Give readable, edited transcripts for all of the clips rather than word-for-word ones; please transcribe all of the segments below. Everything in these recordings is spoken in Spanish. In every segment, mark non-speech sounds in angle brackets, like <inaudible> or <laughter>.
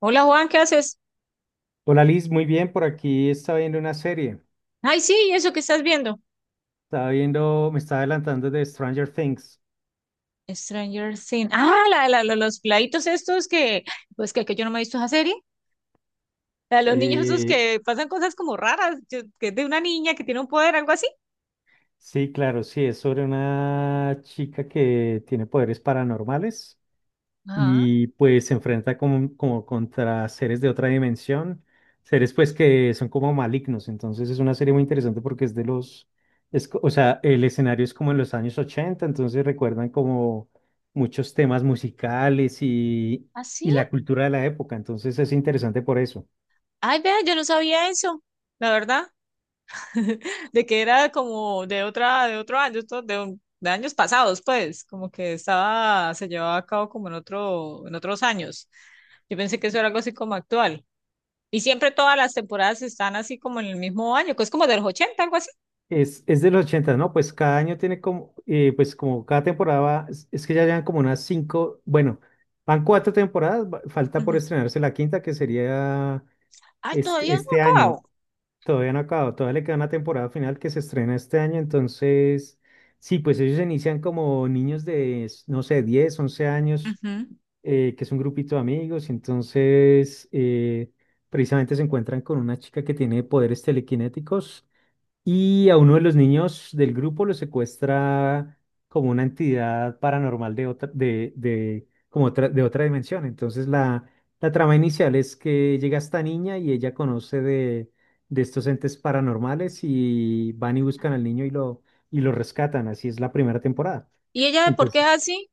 Hola Juan, ¿qué haces? Hola Liz, muy bien, por aquí estaba viendo una serie, Ay, sí, ¿eso que estás viendo? estaba viendo, me estaba adelantando de Stranger Things. Stranger Things. Ah, los plaitos estos que yo no me he visto esa serie. La de los niños esos Eh, que pasan cosas como raras, que es de una niña que tiene un poder, algo así. sí, claro, sí, es sobre una chica que tiene poderes paranormales Ah, y pues se enfrenta como contra seres de otra dimensión, seres pues que son como malignos. Entonces es una serie muy interesante porque es de los, es, o sea, el escenario es como en los años ochenta, entonces recuerdan como muchos temas musicales ¿así? y la cultura de la época, entonces es interesante por eso. Ay, vea, yo no sabía eso, la verdad, <laughs> de que era como de otra, de otro año, esto de, de años pasados, pues, como que estaba, se llevaba a cabo como en otro, en otros años. Yo pensé que eso era algo así como actual. Y siempre todas las temporadas están así como en el mismo año, que es como de los ochenta algo así. Es de los 80, ¿no? Pues cada año tiene como, pues como cada temporada, es que ya llevan como unas cinco, bueno, van cuatro temporadas, falta por Ujú. estrenarse la quinta, que sería Ay, este, todavía no ha este año acabado. todavía no ha acabado. Todavía le queda una temporada final que se estrena este año. Entonces sí, pues ellos inician como niños de, no sé, 10, 11 años, Ujú. Que es un grupito de amigos, y entonces precisamente se encuentran con una chica que tiene poderes telequinéticos, y a uno de los niños del grupo lo secuestra como una entidad paranormal de otra, de, como otra, de otra dimensión. Entonces la trama inicial es que llega esta niña y ella conoce de estos entes paranormales, y van y buscan al niño y y lo rescatan. Así es la primera temporada. ¿Y ella de por qué es así?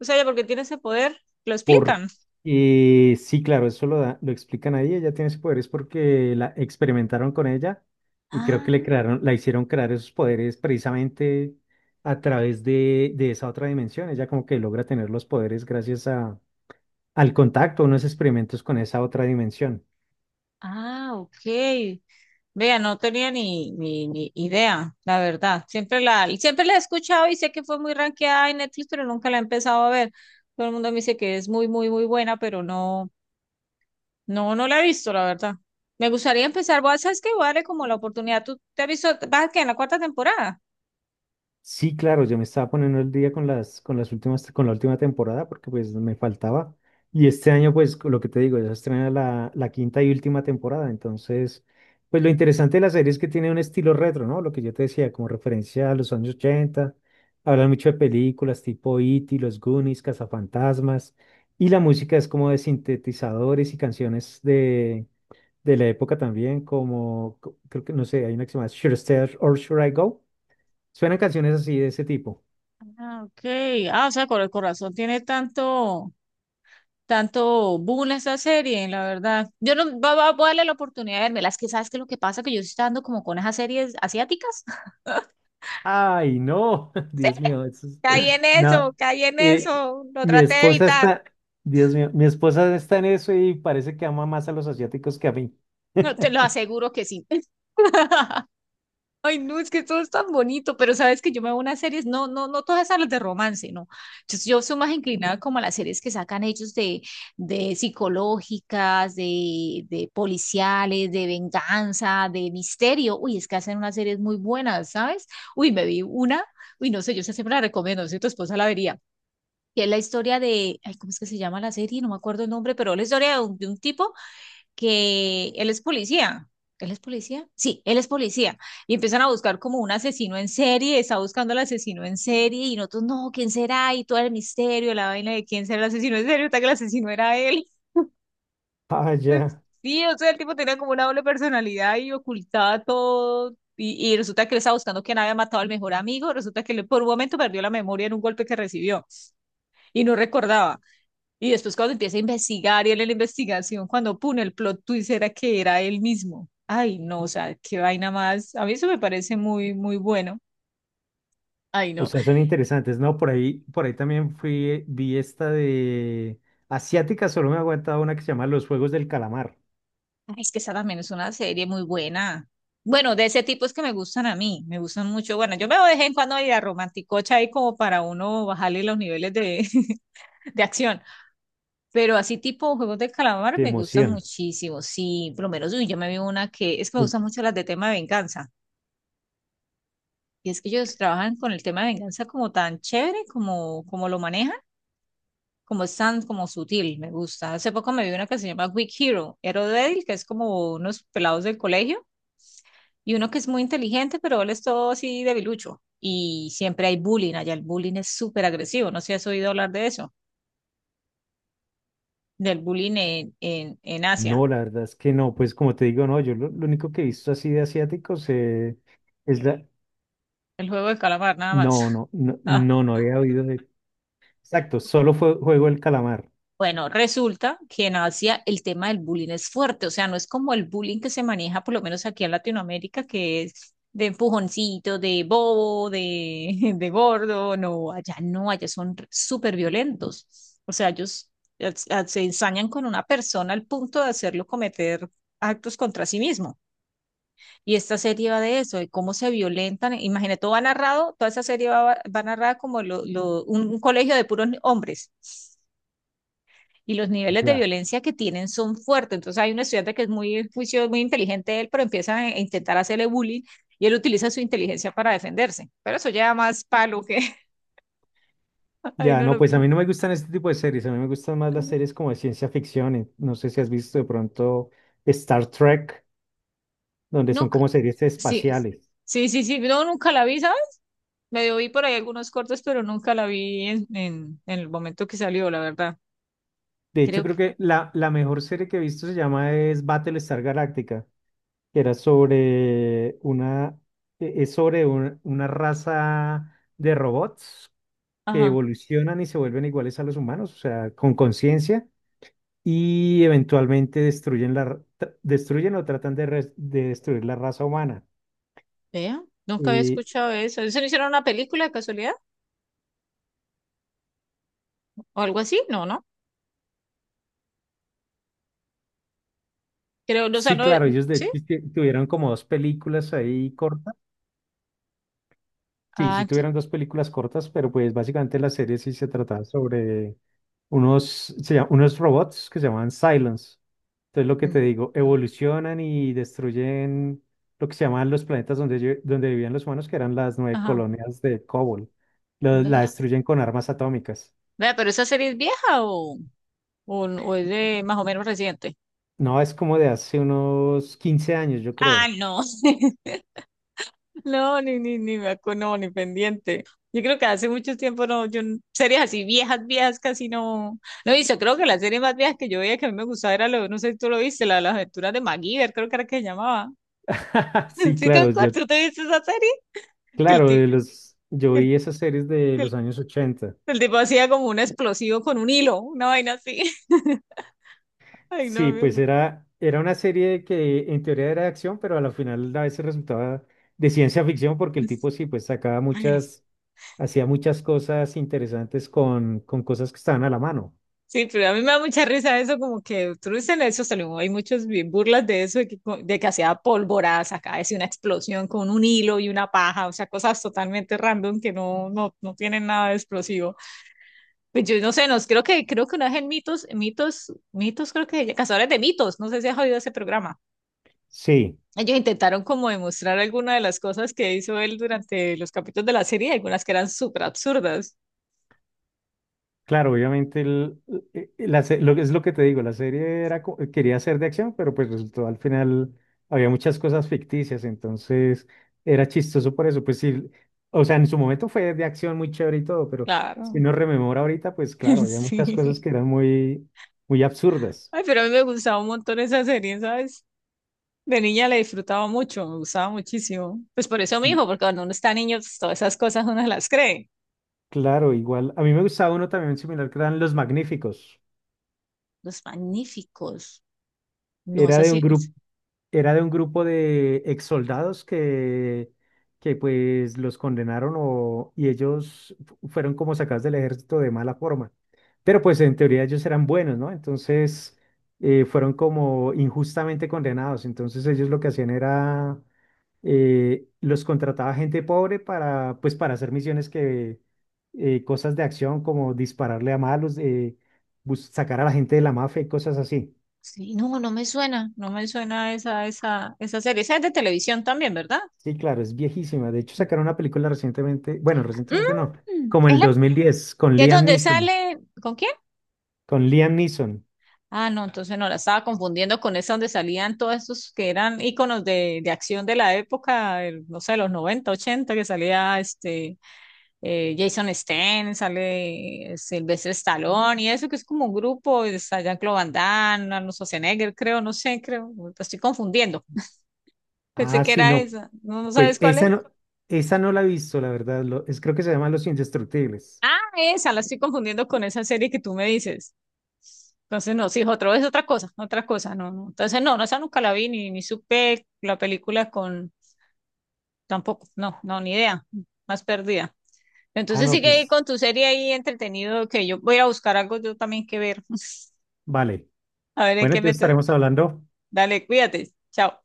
O sea, ella porque tiene ese poder, lo Por, explican. Sí, claro, eso lo lo explican ahí. Ella tiene ese poder es porque la experimentaron con ella, y creo Ah, que le crearon, la hicieron crear esos poderes precisamente a través de esa otra dimensión. Ella como que logra tener los poderes gracias a, al contacto, unos experimentos con esa otra dimensión. ah, ok. Vea, no tenía ni idea, la verdad. Siempre la he escuchado y sé que fue muy rankeada en Netflix, pero nunca la he empezado a ver. Todo el mundo me dice que es muy, muy, muy buena, pero no, no la he visto, la verdad. Me gustaría empezar, ¿sabes qué? Voy a darle como la oportunidad. ¿Tú te has visto, vas que en la cuarta temporada? Sí, claro, yo me estaba poniendo el día con las últimas, con la última temporada porque pues me faltaba. Y este año, pues lo que te digo, ya se estrena la, la quinta y última temporada. Entonces, pues lo interesante de la serie es que tiene un estilo retro, ¿no? Lo que yo te decía, como referencia a los años 80. Hablan mucho de películas tipo E.T., Los Goonies, Cazafantasmas. Y la música es como de sintetizadores y canciones de la época también, como creo que, no sé, hay una que se llama Should I Stay or Should I Go? Suenan canciones así de ese tipo. Ah, ok. Ah, o sea, con el corazón tiene tanto, tanto boom esta serie, la verdad. Yo no, voy a darle la oportunidad de verme. Las que sabes que lo que pasa que yo estoy dando como con esas series asiáticas. <laughs> Ay, no, <laughs> Sí, Dios mío, eso es- caí en <laughs> eso, no. caí en Eh, eso. Lo Mi traté de esposa evitar. está, Dios mío, mi esposa está en eso y parece que ama más a los asiáticos que a mí. No, te <laughs> lo aseguro que sí. <laughs> Ay, no, es que todo es tan bonito, pero sabes que yo me veo unas series, no, no, no todas esas las de romance, no. Yo soy más inclinada como a las series que sacan ellos de psicológicas, de policiales, de venganza, de misterio. Uy, es que hacen unas series muy buenas, ¿sabes? Uy, me vi una, uy, no sé, yo esa siempre la recomiendo, si tu esposa la vería. Que es la historia de, ay, ¿cómo es que se llama la serie? No me acuerdo el nombre, pero la historia de un tipo que él es policía. ¿Él es policía? Sí, él es policía. Y empiezan a buscar como un asesino en serie, está buscando al asesino en serie y nosotros, no, ¿quién será? Y todo el misterio, la vaina de quién será el asesino en serie, hasta que el asesino era él. Ah, <laughs> ya. Sí, o sea, el tipo tenía como una doble personalidad y ocultaba todo. Y resulta que él estaba buscando quién había matado al mejor amigo. Resulta que él por un momento perdió la memoria en un golpe que recibió y no recordaba. Y después cuando empieza a investigar y él en la investigación, cuando pone el plot twist era que era él mismo. Ay, no, o sea, qué vaina más. A mí eso me parece muy, muy bueno. Ay, O no. sea, son interesantes, ¿no? Por ahí también fui, vi esta de asiática. Solo me ha aguantado una que se llama Los Juegos del Calamar, Ay, es que esa también es una serie muy buena. Bueno, de ese tipo es que me gustan a mí, me gustan mucho. Bueno, yo me voy de vez en cuando a ir a romanticocha ahí como para uno bajarle los niveles de, <laughs> de acción. Pero así tipo juegos de calamar de me gustan emoción. muchísimo. Sí, por lo menos uy, yo me vi una que es que me Uy, gustan mucho las de tema de venganza. Y es que ellos trabajan con el tema de venganza como tan chévere, como, como lo manejan, como es tan como sutil, me gusta. Hace poco me vi una que se llama Weak Hero, Hero Débil, que es como unos pelados del colegio, y uno que es muy inteligente, pero él es todo así debilucho. Y siempre hay bullying allá, el bullying es súper agresivo, no sé si has oído hablar de eso, del bullying en Asia, no, la verdad es que no, pues como te digo, no, yo lo único que he visto así de asiáticos, es la, el juego de calamar, nada más. No, no, no, <laughs> no, no había oído de... Exacto, solo fue Juego del Calamar. Bueno, resulta que en Asia el tema del bullying es fuerte, o sea, no es como el bullying que se maneja, por lo menos aquí en Latinoamérica, que es de empujoncito, de bobo, de, <laughs> de gordo, no, allá no, allá son súper violentos, o sea, ellos se ensañan con una persona al punto de hacerlo cometer actos contra sí mismo. Y esta serie va de eso, de cómo se violentan, imagínate, todo va narrado, toda esa serie va, va narrada como un colegio de puros hombres y los niveles de Ya. violencia que tienen son fuertes. Entonces hay un estudiante que es muy juicioso, muy inteligente él, pero empieza a intentar hacerle bullying y él utiliza su inteligencia para defenderse. Pero eso ya más palo que... <laughs> Ay, Ya, no, no, no, pues a mí no me gustan este tipo de series, a mí me gustan más las series como de ciencia ficción. No sé si has visto de pronto Star Trek, donde son nunca, como series sí, espaciales. sí, sí, sí, no, nunca la vi, ¿sabes? Medio vi por ahí algunos cortos, pero nunca la vi en el momento que salió, la verdad. De hecho, Creo que, creo que la mejor serie que he visto se llama es Battlestar Galactica, que era sobre una, es sobre una raza de robots que ajá, evolucionan y se vuelven iguales a los humanos, o sea, con conciencia, y eventualmente destruyen la, destruyen o tratan de, de destruir la raza humana. vea, nunca había Eh, escuchado eso. ¿Eso no hicieron una película de casualidad? ¿O algo así? No, no. Creo, o sea, sí, no, claro, ellos de sí. hecho tuvieron como dos películas ahí cortas. Sí, sí Ah, t- tuvieron dos películas cortas, pero pues básicamente la serie sí se trataba sobre unos, unos robots que se llamaban Cylons. Entonces lo que te digo, evolucionan y destruyen lo que se llamaban los planetas donde, donde vivían los humanos, que eran las nueve ajá. colonias de Cobol. La Vea. destruyen con armas atómicas. Vea, pero esa serie es vieja o es de más o menos reciente. No, es como de hace unos 15 años, yo Ah, creo. no. <laughs> No, ni me acuerdo, no, ni pendiente. Yo creo que hace mucho tiempo no, yo n- series así viejas, viejas casi no. No he creo que la serie más vieja que yo veía que a mí me gustaba era lo, no sé si tú lo viste, la de las aventuras de MacGyver, creo que era que se llamaba. <laughs> <laughs> Sí, ¿Sí te claro, acuerdas? yo. ¿Tú te viste esa serie? Que el, Claro, ti- de los, yo que el, vi esas series de que los años 80. el tipo hacía como un explosivo con un hilo, una vaina así. <laughs> Ay, no, Sí, pues me era, era una serie que en teoría era de acción, pero a la final a veces resultaba de ciencia ficción porque el tipo sí, pues sacaba muchas, hacía muchas cosas interesantes con cosas que estaban a la mano. Sí, pero a mí me da mucha risa eso, como que tú dices en eso, salió, hay muchas burlas de eso, de que, de que hacía polvoradas acá, decía una explosión con un hilo y una paja, o sea, cosas totalmente random que no, no, no tienen nada de explosivo. Pues yo no sé, nos, creo que una vez en Mitos, creo que Cazadores de Mitos, no sé si has oído ese programa. Sí. Ellos intentaron como demostrar algunas de las cosas que hizo él durante los capítulos de la serie, algunas que eran súper absurdas. Claro, obviamente el- la lo que es lo que te digo, la serie era, quería ser de acción, pero pues resultó al final había muchas cosas ficticias, entonces era chistoso por eso. Pues sí, o sea, en su momento fue de acción muy chévere y todo, pero si Claro, uno rememora ahorita, pues claro, <laughs> había muchas sí. cosas que eran muy, muy absurdas. Ay, pero a mí me gustaba un montón esa serie, ¿sabes? De niña le disfrutaba mucho, me gustaba muchísimo. Pues por eso mi hijo, Y porque cuando uno está niño, pues, todas esas cosas uno las cree. claro, igual, a mí me gustaba uno también similar que eran Los Magníficos, Los magníficos. No es era de un así. grupo. Es- Era de un grupo de ex soldados que pues los condenaron o, y ellos fueron como sacados del ejército de mala forma. Pero pues en teoría ellos eran buenos, ¿no? Entonces fueron como injustamente condenados. Entonces ellos lo que hacían era, los contrataba gente pobre para, pues para hacer misiones que, cosas de acción como dispararle a malos, sacar a la gente de la mafia y cosas así. sí, no, no me suena. No me suena esa serie. Esa es de televisión también, ¿verdad? Sí, claro, es viejísima. De hecho, sacaron una película recientemente, bueno, recientemente no, Mm, como es el la 2010, con que es Liam donde Neeson. sale. ¿Con quién? Con Liam Neeson. Ah, no, entonces no la estaba confundiendo con esa donde salían todos estos que eran íconos de acción de la época, no sé, los 90, 80, que salía este. Jason Statham, sale Sylvester Stallone y eso que es como un grupo, y está Jean-Claude Van Damme, Arnold Schwarzenegger, creo, no sé, creo, me estoy confundiendo. Pensé Ah, que sí, era no. esa. ¿No, no Pues sabes cuál es? Esa no la he visto, la verdad. Es, creo que se llama Los Indestructibles. Ah, esa, la estoy confundiendo con esa serie que tú me dices. Entonces, no, sí, otro es otra cosa, no, no. Entonces, no, no, esa nunca la vi, ni, ni supe la película con, tampoco, no, no, ni idea, más perdida. Ah, Entonces no, sigue ahí pues con tu serie ahí entretenido, que yo voy a buscar algo yo también que ver. <laughs> vale. A ver en Bueno, qué me, entonces estaremos hablando. Dale, cuídate. Chao.